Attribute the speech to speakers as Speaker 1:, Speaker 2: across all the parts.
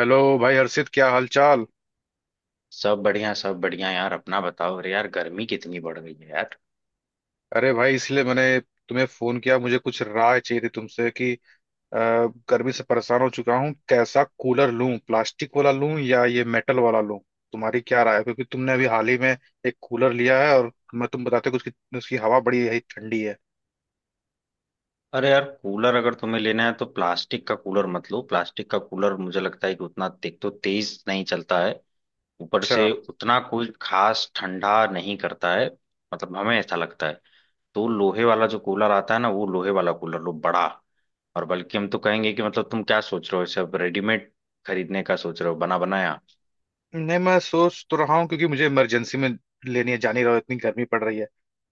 Speaker 1: Hello भाई हर्षित, क्या हाल चाल।
Speaker 2: सब बढ़िया यार अपना बताओ। अरे यार गर्मी कितनी बढ़ गई है यार।
Speaker 1: अरे भाई, इसलिए मैंने तुम्हें फोन किया। मुझे कुछ राय चाहिए थी तुमसे कि गर्मी से परेशान हो चुका हूँ। कैसा कूलर लूं, प्लास्टिक वाला लूं या ये मेटल वाला लूं? तुम्हारी क्या राय है? क्योंकि तुमने अभी हाल ही में एक कूलर लिया है और मैं तुम बताते हो कि उसकी उसकी हवा बड़ी है, ठंडी है।
Speaker 2: अरे यार कूलर अगर तुम्हें लेना है तो प्लास्टिक का कूलर मत लो। प्लास्टिक का कूलर मुझे लगता है कि उतना एक तो तेज नहीं चलता है। ऊपर
Speaker 1: अच्छा।
Speaker 2: से उतना कोई खास ठंडा नहीं करता है। मतलब हमें ऐसा लगता है। तो लोहे वाला जो कूलर आता है ना, वो लोहे वाला कूलर लो बड़ा। और बल्कि हम तो कहेंगे कि मतलब तुम क्या सोच रहे हो, इसे अब रेडीमेड खरीदने का सोच रहे हो बना बनाया।
Speaker 1: नहीं, मैं सोच तो रहा हूँ क्योंकि मुझे इमरजेंसी में लेनी है। जानी रहो इतनी गर्मी पड़ रही है।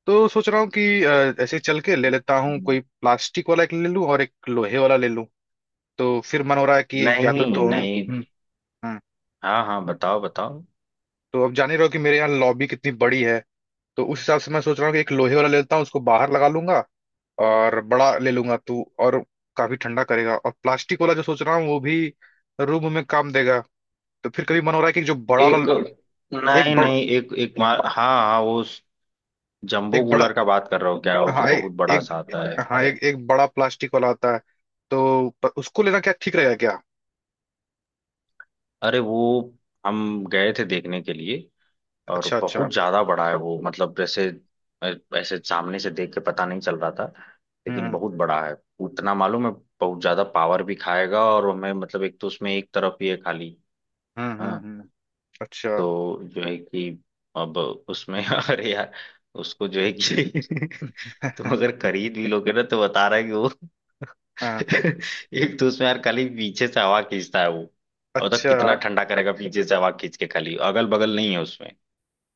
Speaker 1: तो सोच रहा हूँ कि ऐसे चल के ले लेता हूँ।
Speaker 2: हम्म।
Speaker 1: कोई प्लास्टिक वाला एक ले लूँ और एक लोहे वाला ले लूँ। तो फिर मन हो रहा है कि या तो
Speaker 2: नहीं
Speaker 1: दोनों।
Speaker 2: नहीं।
Speaker 1: हाँ।
Speaker 2: हाँ हाँ बताओ बताओ।
Speaker 1: तो अब जान ही रहो कि मेरे यहाँ लॉबी कितनी बड़ी है। तो उस हिसाब से मैं सोच रहा हूँ कि एक लोहे वाला ले लेता हूँ, उसको बाहर लगा लूंगा और बड़ा ले लूंगा तू, और काफी ठंडा करेगा। और प्लास्टिक वाला जो सोच रहा हूँ वो भी रूम में काम देगा। तो फिर कभी मन हो रहा है कि जो बड़ा
Speaker 2: एक।
Speaker 1: वाला एक
Speaker 2: नहीं
Speaker 1: बड़ा
Speaker 2: नहीं एक एक मार, हाँ हाँ वो जंबो
Speaker 1: एक बड़ा
Speaker 2: कूलर का बात कर रहा हूँ क्या, वो जो
Speaker 1: हाँ
Speaker 2: बहुत बड़ा
Speaker 1: एक,
Speaker 2: सा आता है।
Speaker 1: हाँ एक एक बड़ा प्लास्टिक वाला आता है। तो उसको लेना क्या ठीक रहेगा क्या?
Speaker 2: अरे वो हम गए थे देखने के लिए और
Speaker 1: अच्छा अच्छा।
Speaker 2: बहुत ज्यादा बड़ा है वो, मतलब जैसे ऐसे सामने से देख के पता नहीं चल रहा था,
Speaker 1: हम्म
Speaker 2: लेकिन
Speaker 1: हम्म
Speaker 2: बहुत बड़ा है उतना मालूम है। बहुत ज्यादा पावर भी खाएगा, और हमें मतलब एक तो उसमें एक तरफ ही है खाली।
Speaker 1: हम्म हम्म,
Speaker 2: हाँ।
Speaker 1: हम्म। अच्छा।
Speaker 2: तो जो है कि अब उसमें अरे यार उसको जो है कि तुम अगर खरीद भी लोगे ना, तो बता रहा है कि वो
Speaker 1: हाँ।
Speaker 2: एक तो उसमें यार खाली पीछे से हवा खींचता है वो। और तक
Speaker 1: अच्छा।
Speaker 2: कितना ठंडा करेगा पीछे से हवा खींच के, खाली अगल बगल नहीं है उसमें।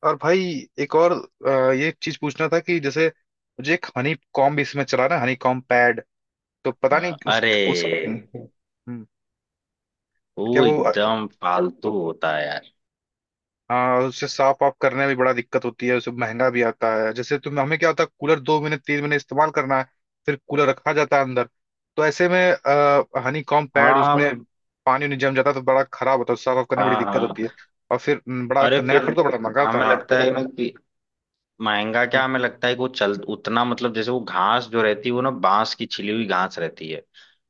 Speaker 1: और भाई, एक और ये चीज पूछना था कि जैसे मुझे एक हनी कॉम्ब, इसमें चला ना हनी कॉम्ब पैड। तो पता
Speaker 2: हाँ,
Speaker 1: नहीं उस
Speaker 2: अरे
Speaker 1: उस क्या
Speaker 2: वो
Speaker 1: वो
Speaker 2: एकदम फालतू होता है यार।
Speaker 1: हाँ, उससे साफ ऑफ करने में भी बड़ा दिक्कत होती है। उसे महंगा भी आता है। जैसे तुम हमें क्या होता है, कूलर 2 महीने 3 महीने इस्तेमाल करना है, फिर कूलर रखा जाता है अंदर। तो ऐसे में हनी कॉम्ब पैड
Speaker 2: हाँ
Speaker 1: उसमें पानी उनी जम जाता है तो बड़ा खराब होता है, साफ ऑफ करने में बड़ी
Speaker 2: हाँ
Speaker 1: दिक्कत
Speaker 2: हाँ।
Speaker 1: होती है। और फिर बड़ा
Speaker 2: अरे
Speaker 1: नया
Speaker 2: फिर
Speaker 1: खरीदो, बड़ा महंगा आता है।
Speaker 2: हमें
Speaker 1: हाँ।
Speaker 2: लगता है ना कि महंगा क्या,
Speaker 1: हम्म,
Speaker 2: हमें लगता है कि वो चल उतना, मतलब जैसे वो घास जो रहती है वो ना बांस की छिली हुई घास रहती है।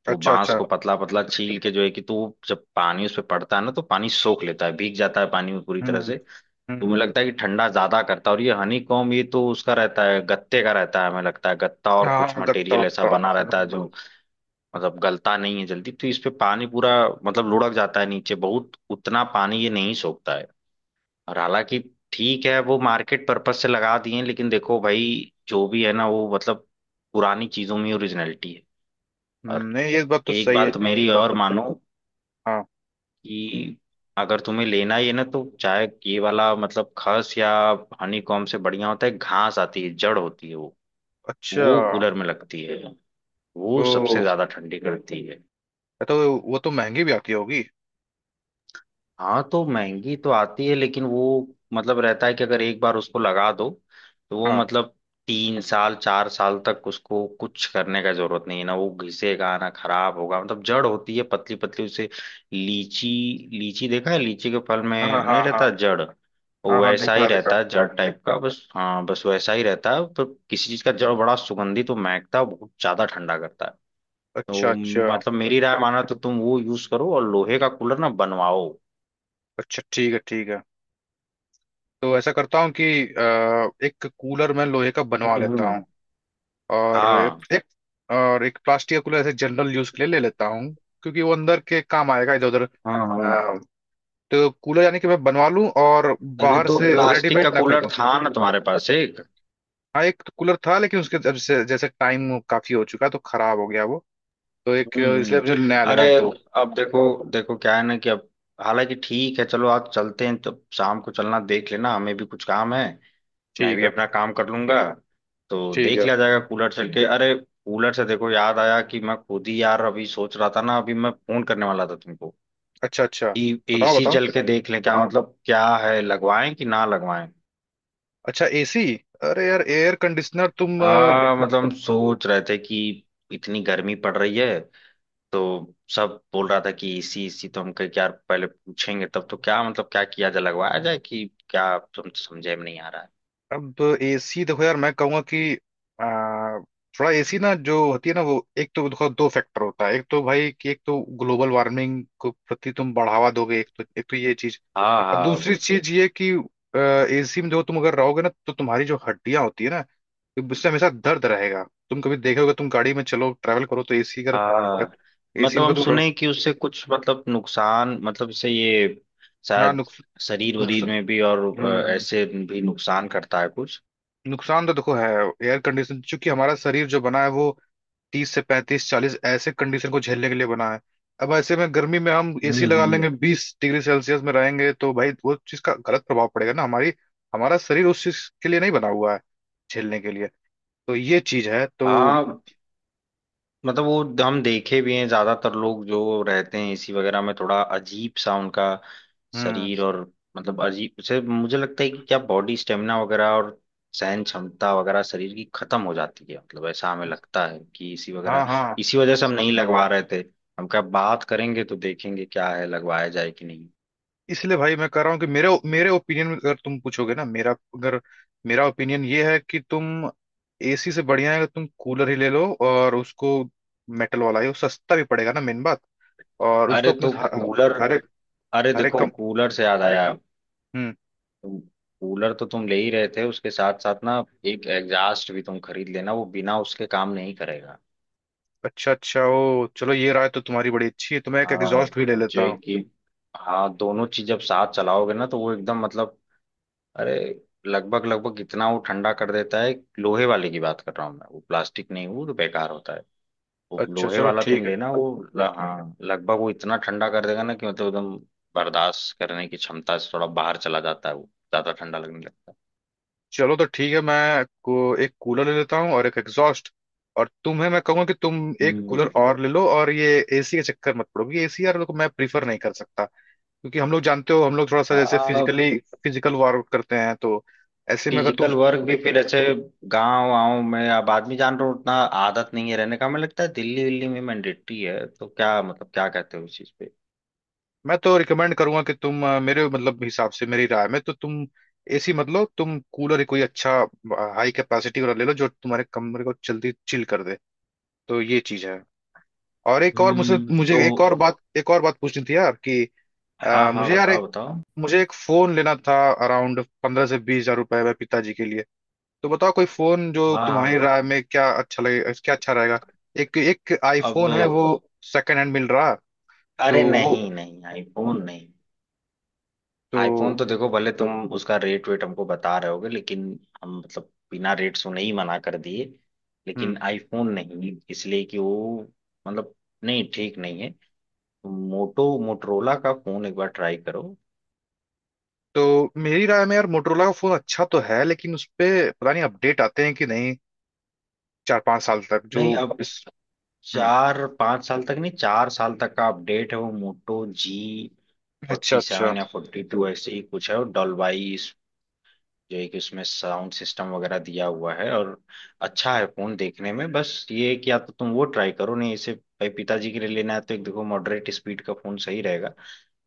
Speaker 2: वो
Speaker 1: अच्छा
Speaker 2: बांस
Speaker 1: अच्छा।
Speaker 2: को पतला पतला छील के जो है कि तो वो जब पानी उस पर पड़ता है ना, तो पानी सोख लेता है, भीग जाता है पानी में पूरी तरह
Speaker 1: हम्म।
Speaker 2: से। तो मुझे
Speaker 1: हम्म।
Speaker 2: लगता है कि ठंडा ज्यादा करता है, और ये हनी कॉम ये तो उसका रहता है गत्ते का रहता है, हमें लगता है गत्ता और कुछ
Speaker 1: हाँ, गत्ता
Speaker 2: मटेरियल ऐसा
Speaker 1: वत्ता।
Speaker 2: बना रहता है
Speaker 1: हम्म,
Speaker 2: जो मतलब गलता नहीं है जल्दी, तो इस पे पानी पूरा मतलब लुढ़क जाता है नीचे, बहुत उतना पानी ये नहीं सोखता है। और हालांकि ठीक है, वो मार्केट पर्पज से लगा दिए हैं, लेकिन देखो भाई जो भी है ना वो मतलब पुरानी चीजों में ओरिजिनलिटी है। और
Speaker 1: नहीं, ये बात तो
Speaker 2: एक
Speaker 1: सही है।
Speaker 2: बात मेरी और मानो
Speaker 1: हाँ।
Speaker 2: कि अगर तुम्हें लेना ही है ना, तो चाहे ये वाला मतलब खस या हनी कॉम्ब से बढ़िया होता है घास, आती है जड़ होती है वो।
Speaker 1: अच्छा।
Speaker 2: वो कूलर में लगती है। वो सबसे
Speaker 1: ओ,
Speaker 2: ज्यादा ठंडी करती है।
Speaker 1: ये तो, वो तो महंगी भी आती होगी।
Speaker 2: हाँ तो महंगी तो आती है, लेकिन वो मतलब रहता है कि अगर एक बार उसको लगा दो तो वो
Speaker 1: हाँ
Speaker 2: मतलब 3 साल 4 साल तक उसको कुछ करने का जरूरत नहीं है ना, वो घिसेगा ना खराब होगा, मतलब जड़ होती है पतली पतली उसे। लीची। लीची देखा है, लीची के फल
Speaker 1: हाँ।
Speaker 2: में
Speaker 1: हाँ
Speaker 2: नहीं
Speaker 1: हाँ।
Speaker 2: रहता जड़। वो
Speaker 1: हाँ हाँ,
Speaker 2: वैसा ही
Speaker 1: देखा देखा।
Speaker 2: रहता है जड़ टाइप का बस, हाँ बस वैसा ही रहता है, पर किसी चीज का जड़ बड़ा सुगंधित, तो महकता है, बहुत ज्यादा ठंडा करता है।
Speaker 1: अच्छा
Speaker 2: तो
Speaker 1: अच्छा।
Speaker 2: मतलब मेरी राय माना तो तुम वो यूज करो और लोहे का कूलर ना बनवाओ।
Speaker 1: अच्छा ठीक है, ठीक है। तो ऐसा करता हूँ कि एक कूलर मैं लोहे का बनवा
Speaker 2: हम्म
Speaker 1: लेता
Speaker 2: हम्म,
Speaker 1: हूँ, और
Speaker 2: हाँ
Speaker 1: एक, और एक प्लास्टिक का कूलर ऐसे जनरल यूज के लिए ले लेता हूँ क्योंकि वो अंदर के काम आएगा, इधर उधर।
Speaker 2: हाँ हाँ।
Speaker 1: अ, तो कूलर यानी कि मैं बनवा लूँ और
Speaker 2: अरे
Speaker 1: बाहर
Speaker 2: तो
Speaker 1: से
Speaker 2: प्लास्टिक का
Speaker 1: रेडीमेड ना कर
Speaker 2: कूलर
Speaker 1: दूँ।
Speaker 2: था ना तुम्हारे पास एक।
Speaker 1: हाँ, एक कूलर था लेकिन उसके जब से जैसे टाइम काफी हो चुका है तो खराब हो गया वो। तो एक,
Speaker 2: हम्म।
Speaker 1: इसलिए मुझे नया लेना
Speaker 2: अरे
Speaker 1: है दो।
Speaker 2: अब देखो, देखो क्या है ना कि अब हालांकि ठीक है, चलो आज चलते हैं तो शाम को चलना, देख लेना हमें भी कुछ काम है। मैं
Speaker 1: ठीक
Speaker 2: भी
Speaker 1: है
Speaker 2: अपना काम कर लूंगा। तो
Speaker 1: ठीक
Speaker 2: देख
Speaker 1: है।
Speaker 2: लिया जाएगा कूलर चल के। अरे कूलर से देखो याद आया कि मैं खुद ही यार अभी सोच रहा था ना, अभी मैं फोन करने वाला था तुमको
Speaker 1: अच्छा अच्छा।
Speaker 2: कि
Speaker 1: बताओ
Speaker 2: एसी
Speaker 1: बताओ।
Speaker 2: चल के देख लें क्या, मतलब क्या है, लगवाएं कि ना लगवाएं।
Speaker 1: अच्छा, एसी। अरे यार एयर कंडीशनर तुम
Speaker 2: हाँ मतलब हम सोच रहे थे कि इतनी गर्मी पड़ रही है तो सब बोल रहा था कि इसी इसी, तो हम कहे कि यार पहले पूछेंगे तब, तो क्या मतलब क्या किया जाए, लगवाया जाए कि क्या, तुम समझे में नहीं आ रहा है।
Speaker 1: अब एसी देखो यार, मैं कहूंगा कि अ, थोड़ा एसी ना जो होती है ना, वो एक तो देखो दो फैक्टर होता है। एक तो भाई कि एक तो ग्लोबल वार्मिंग को प्रति तुम बढ़ावा दोगे, एक तो ये चीज।
Speaker 2: हाँ
Speaker 1: और
Speaker 2: हाँ
Speaker 1: दूसरी चीज ये कि एसी में जो तुम अगर रहोगे ना तो तुम्हारी जो हड्डियां होती है ना, तो उससे हमेशा दर्द रहेगा। तुम कभी देखोगे, तुम गाड़ी में चलो, ट्रैवल करो तो एसी अगर,
Speaker 2: हाँ
Speaker 1: एसी
Speaker 2: मतलब
Speaker 1: में
Speaker 2: हम
Speaker 1: अगर तुम रहो।
Speaker 2: सुने कि उससे कुछ मतलब नुकसान मतलब इससे ये
Speaker 1: हाँ।
Speaker 2: शायद शरीर
Speaker 1: नुक्स,
Speaker 2: वरीर में भी और
Speaker 1: हम्म,
Speaker 2: ऐसे भी नुकसान करता है कुछ।
Speaker 1: नुकसान तो देखो है। एयर कंडीशन, चूंकि हमारा शरीर जो बना है वो 30 से 35 40 ऐसे कंडीशन को झेलने के लिए बना है। अब ऐसे में गर्मी में हम
Speaker 2: हम्म
Speaker 1: एसी लगा
Speaker 2: हम्म।
Speaker 1: लेंगे, 20 डिग्री सेल्सियस में रहेंगे, तो भाई वो चीज का गलत प्रभाव पड़ेगा ना हमारी। हमारा शरीर उस चीज के लिए नहीं बना हुआ है झेलने के लिए। तो ये चीज है तो।
Speaker 2: हाँ मतलब वो हम देखे भी हैं ज्यादातर लोग जो रहते हैं एसी वगैरह में थोड़ा अजीब सा उनका
Speaker 1: हम्म।
Speaker 2: शरीर, और मतलब अजीब उसे मुझे लगता है कि क्या बॉडी स्टेमिना वगैरह और सहन क्षमता वगैरह शरीर की खत्म हो जाती है, मतलब ऐसा हमें लगता है कि इसी वगैरह
Speaker 1: हाँ हाँ।
Speaker 2: इसी वजह से हम नहीं लगवा रहे थे। हम क्या बात करेंगे तो देखेंगे क्या है, लगवाया जाए कि नहीं।
Speaker 1: इसलिए भाई मैं कह रहा हूँ कि मेरे मेरे ओपिनियन में अगर तुम पूछोगे ना, मेरा अगर मेरा ओपिनियन ये है कि तुम, एसी से बढ़िया है कि तुम कूलर ही ले लो और उसको मेटल वाला ही, वो सस्ता भी पड़ेगा ना, मेन बात। और उसको
Speaker 2: अरे
Speaker 1: अपने
Speaker 2: तो कूलर,
Speaker 1: हर एक,
Speaker 2: अरे
Speaker 1: हर एक
Speaker 2: देखो
Speaker 1: कम।
Speaker 2: कूलर से याद आया,
Speaker 1: हम्म।
Speaker 2: कूलर तो तुम ले ही रहे थे, उसके साथ साथ ना एक एग्जास्ट भी तुम खरीद लेना, वो बिना उसके काम नहीं करेगा।
Speaker 1: अच्छा अच्छा। ओ चलो, ये राय तो तुम्हारी बड़ी अच्छी है, तो मैं एक
Speaker 2: हाँ
Speaker 1: एग्जॉस्ट भी ले
Speaker 2: जो
Speaker 1: लेता
Speaker 2: है
Speaker 1: हूँ।
Speaker 2: कि, हाँ दोनों चीज जब साथ चलाओगे ना तो वो एकदम मतलब, अरे लगभग लगभग इतना वो ठंडा कर देता है। लोहे वाले की बात कर रहा हूँ मैं, वो प्लास्टिक नहीं, वो तो बेकार होता है। वो
Speaker 1: अच्छा
Speaker 2: लोहे
Speaker 1: चलो
Speaker 2: वाला तुम
Speaker 1: ठीक है।
Speaker 2: लेना वो हाँ लगभग वो इतना ठंडा कर देगा ना कि मतलब एकदम बर्दाश्त करने की क्षमता से थोड़ा बाहर चला जाता है, वो ज्यादा ठंडा लगने लगता है।
Speaker 1: चलो तो ठीक है, मैं को एक कूलर ले लेता हूँ और एक एग्जॉस्ट। और तुम्हें मैं कहूंगा कि तुम एक कूलर और ले लो, और ये एसी के चक्कर मत पड़ो, क्योंकि एसी यार लोग मैं प्रीफर नहीं कर सकता। क्योंकि हम लोग जानते हो, हम लोग थोड़ा सा जैसे
Speaker 2: हम्म।
Speaker 1: फिजिकली, फिजिकल वर्कआउट करते हैं, तो ऐसे में अगर तुम,
Speaker 2: फिजिकल वर्क भी फिर ऐसे गांव वाँव में अब आदमी जान रहा हूँ उतना आदत नहीं है रहने का, हमें लगता है दिल्ली विल्ली में मैंडेटरी है, तो क्या मतलब क्या कहते हो उस चीज पे।
Speaker 1: मैं तो रिकमेंड करूंगा कि तुम मेरे मतलब हिसाब से, मेरी राय में तो तुम एसी मत लो। तुम कूलर ही कोई अच्छा हाई कैपेसिटी वाला ले लो जो तुम्हारे कमरे को जल्दी चिल कर दे। तो ये चीज है। और एक और मुझसे, मुझे
Speaker 2: तो।
Speaker 1: एक और बात, एक और बात पूछनी थी यार कि
Speaker 2: हाँ हाँ
Speaker 1: मुझे यार
Speaker 2: बताओ
Speaker 1: एक,
Speaker 2: बताओ।
Speaker 1: मुझे एक फोन लेना था अराउंड 15 से 20 हज़ार रुपए में, पिताजी के लिए। तो बताओ कोई फोन जो
Speaker 2: हाँ हाँ,
Speaker 1: तुम्हारी राय में क्या अच्छा लगे, क्या अच्छा रहेगा। एक एक
Speaker 2: अब
Speaker 1: आईफोन है वो, सेकंड हैंड मिल रहा, तो
Speaker 2: अरे
Speaker 1: वो,
Speaker 2: नहीं नहीं आईफोन नहीं।
Speaker 1: तो।
Speaker 2: आईफोन तो देखो भले तुम उसका रेट वेट हमको बता रहे होगे, लेकिन हम मतलब बिना रेट सुने ही मना कर दिए,
Speaker 1: हम्म।
Speaker 2: लेकिन आईफोन नहीं इसलिए कि वो मतलब नहीं ठीक नहीं है। मोटो मोटरोला का फोन एक बार ट्राई करो,
Speaker 1: तो मेरी राय में यार मोटरोला का फोन अच्छा तो है, लेकिन उस पे पता नहीं अपडेट आते हैं कि नहीं, 4 5 साल तक जो
Speaker 2: नहीं अब
Speaker 1: इस। हम्म।
Speaker 2: 4-5 साल तक नहीं, 4 साल तक का अपडेट है, वो मोटो जी
Speaker 1: अच्छा
Speaker 2: फोर्टी
Speaker 1: अच्छा।
Speaker 2: सेवन या 42 ऐसे ही कुछ है, और डॉल्बाई इस- जो है कि उसमें साउंड सिस्टम वगैरह दिया हुआ है, और अच्छा है फोन देखने में, बस ये है कि या तो तुम वो ट्राई करो, नहीं इसे भाई पिताजी के लिए लेना है तो एक देखो मॉडरेट स्पीड का फोन सही रहेगा।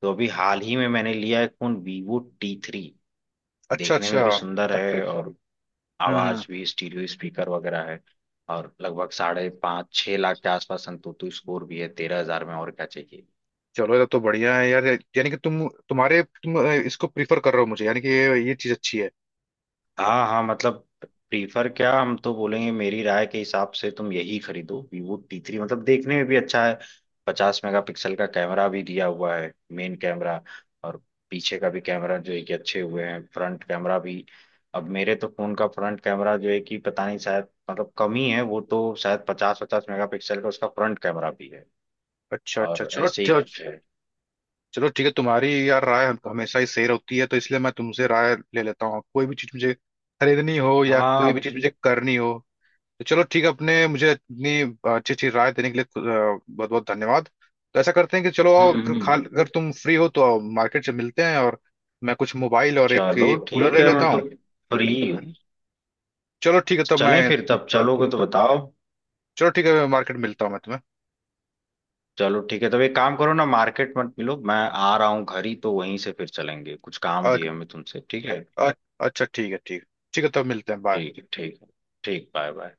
Speaker 2: तो अभी हाल ही में मैंने लिया एक फोन वीवो T3।
Speaker 1: अच्छा
Speaker 2: देखने में
Speaker 1: अच्छा।
Speaker 2: भी सुंदर अच्छा है अच्छा, और
Speaker 1: हम्म।
Speaker 2: आवाज भी स्टीरियो स्पीकर वगैरह है। और लगभग 5.5-6 लाख के आसपास संतुतु स्कोर भी है, 13 हज़ार में, और क्या चाहिए।
Speaker 1: चलो ये तो बढ़िया है यार, यानी कि तुम, तुम्हारे, तुम इसको प्रीफर कर रहे हो मुझे, यानी कि ये चीज अच्छी है।
Speaker 2: हाँ हाँ मतलब प्रीफर क्या, हम तो बोलेंगे मेरी राय के हिसाब से तुम यही खरीदो वीवो T3, मतलब देखने में भी अच्छा है। 50 मेगापिक्सल का कैमरा भी दिया हुआ है मेन कैमरा। और पीछे का भी कैमरा जो है कि अच्छे हुए हैं, फ्रंट कैमरा भी। अब मेरे तो फोन का फ्रंट कैमरा जो है कि पता नहीं, शायद मतलब कम ही है, वो तो शायद 50 मेगापिक्सल का उसका फ्रंट कैमरा भी है।
Speaker 1: अच्छा अच्छा।
Speaker 2: और
Speaker 1: चलो
Speaker 2: ऐसे ही
Speaker 1: चलो।
Speaker 2: कुछ है।
Speaker 1: चलो ठीक है, तुम्हारी यार राय हमेशा ही सही होती है, तो इसलिए मैं तुमसे राय ले लेता हूँ कोई भी चीज मुझे खरीदनी हो या
Speaker 2: हाँ
Speaker 1: कोई भी चीज मुझे करनी हो। तो चलो ठीक है अपने, मुझे इतनी अच्छी अच्छी राय देने के लिए बहुत बहुत धन्यवाद। तो ऐसा करते हैं कि चलो आओ,
Speaker 2: हम्म हम्म।
Speaker 1: खा अगर तुम फ्री हो तो आओ, मार्केट से मिलते हैं। और मैं कुछ मोबाइल और एक,
Speaker 2: चलो
Speaker 1: एक कूलर
Speaker 2: ठीक
Speaker 1: ले
Speaker 2: है
Speaker 1: लेता
Speaker 2: मैं तो
Speaker 1: हूँ।
Speaker 2: फ्री हूँ।
Speaker 1: चलो ठीक है तब मैं,
Speaker 2: चलें फिर, तब चलोगे तो बताओ।
Speaker 1: चलो ठीक है मैं मार्केट मिलता हूँ मैं तुम्हें।
Speaker 2: चलो ठीक है, तब एक काम करो ना, मार्केट मत मिलो, मैं आ रहा हूँ घर ही, तो वहीं से फिर चलेंगे, कुछ काम भी
Speaker 1: अ-
Speaker 2: है हमें तुमसे, ठीक है।
Speaker 1: अ- अच्छा ठीक है ठीक है। ठीक है तब मिलते हैं, बाय।
Speaker 2: ठीक है ठीक है। ठीक बाय बाय।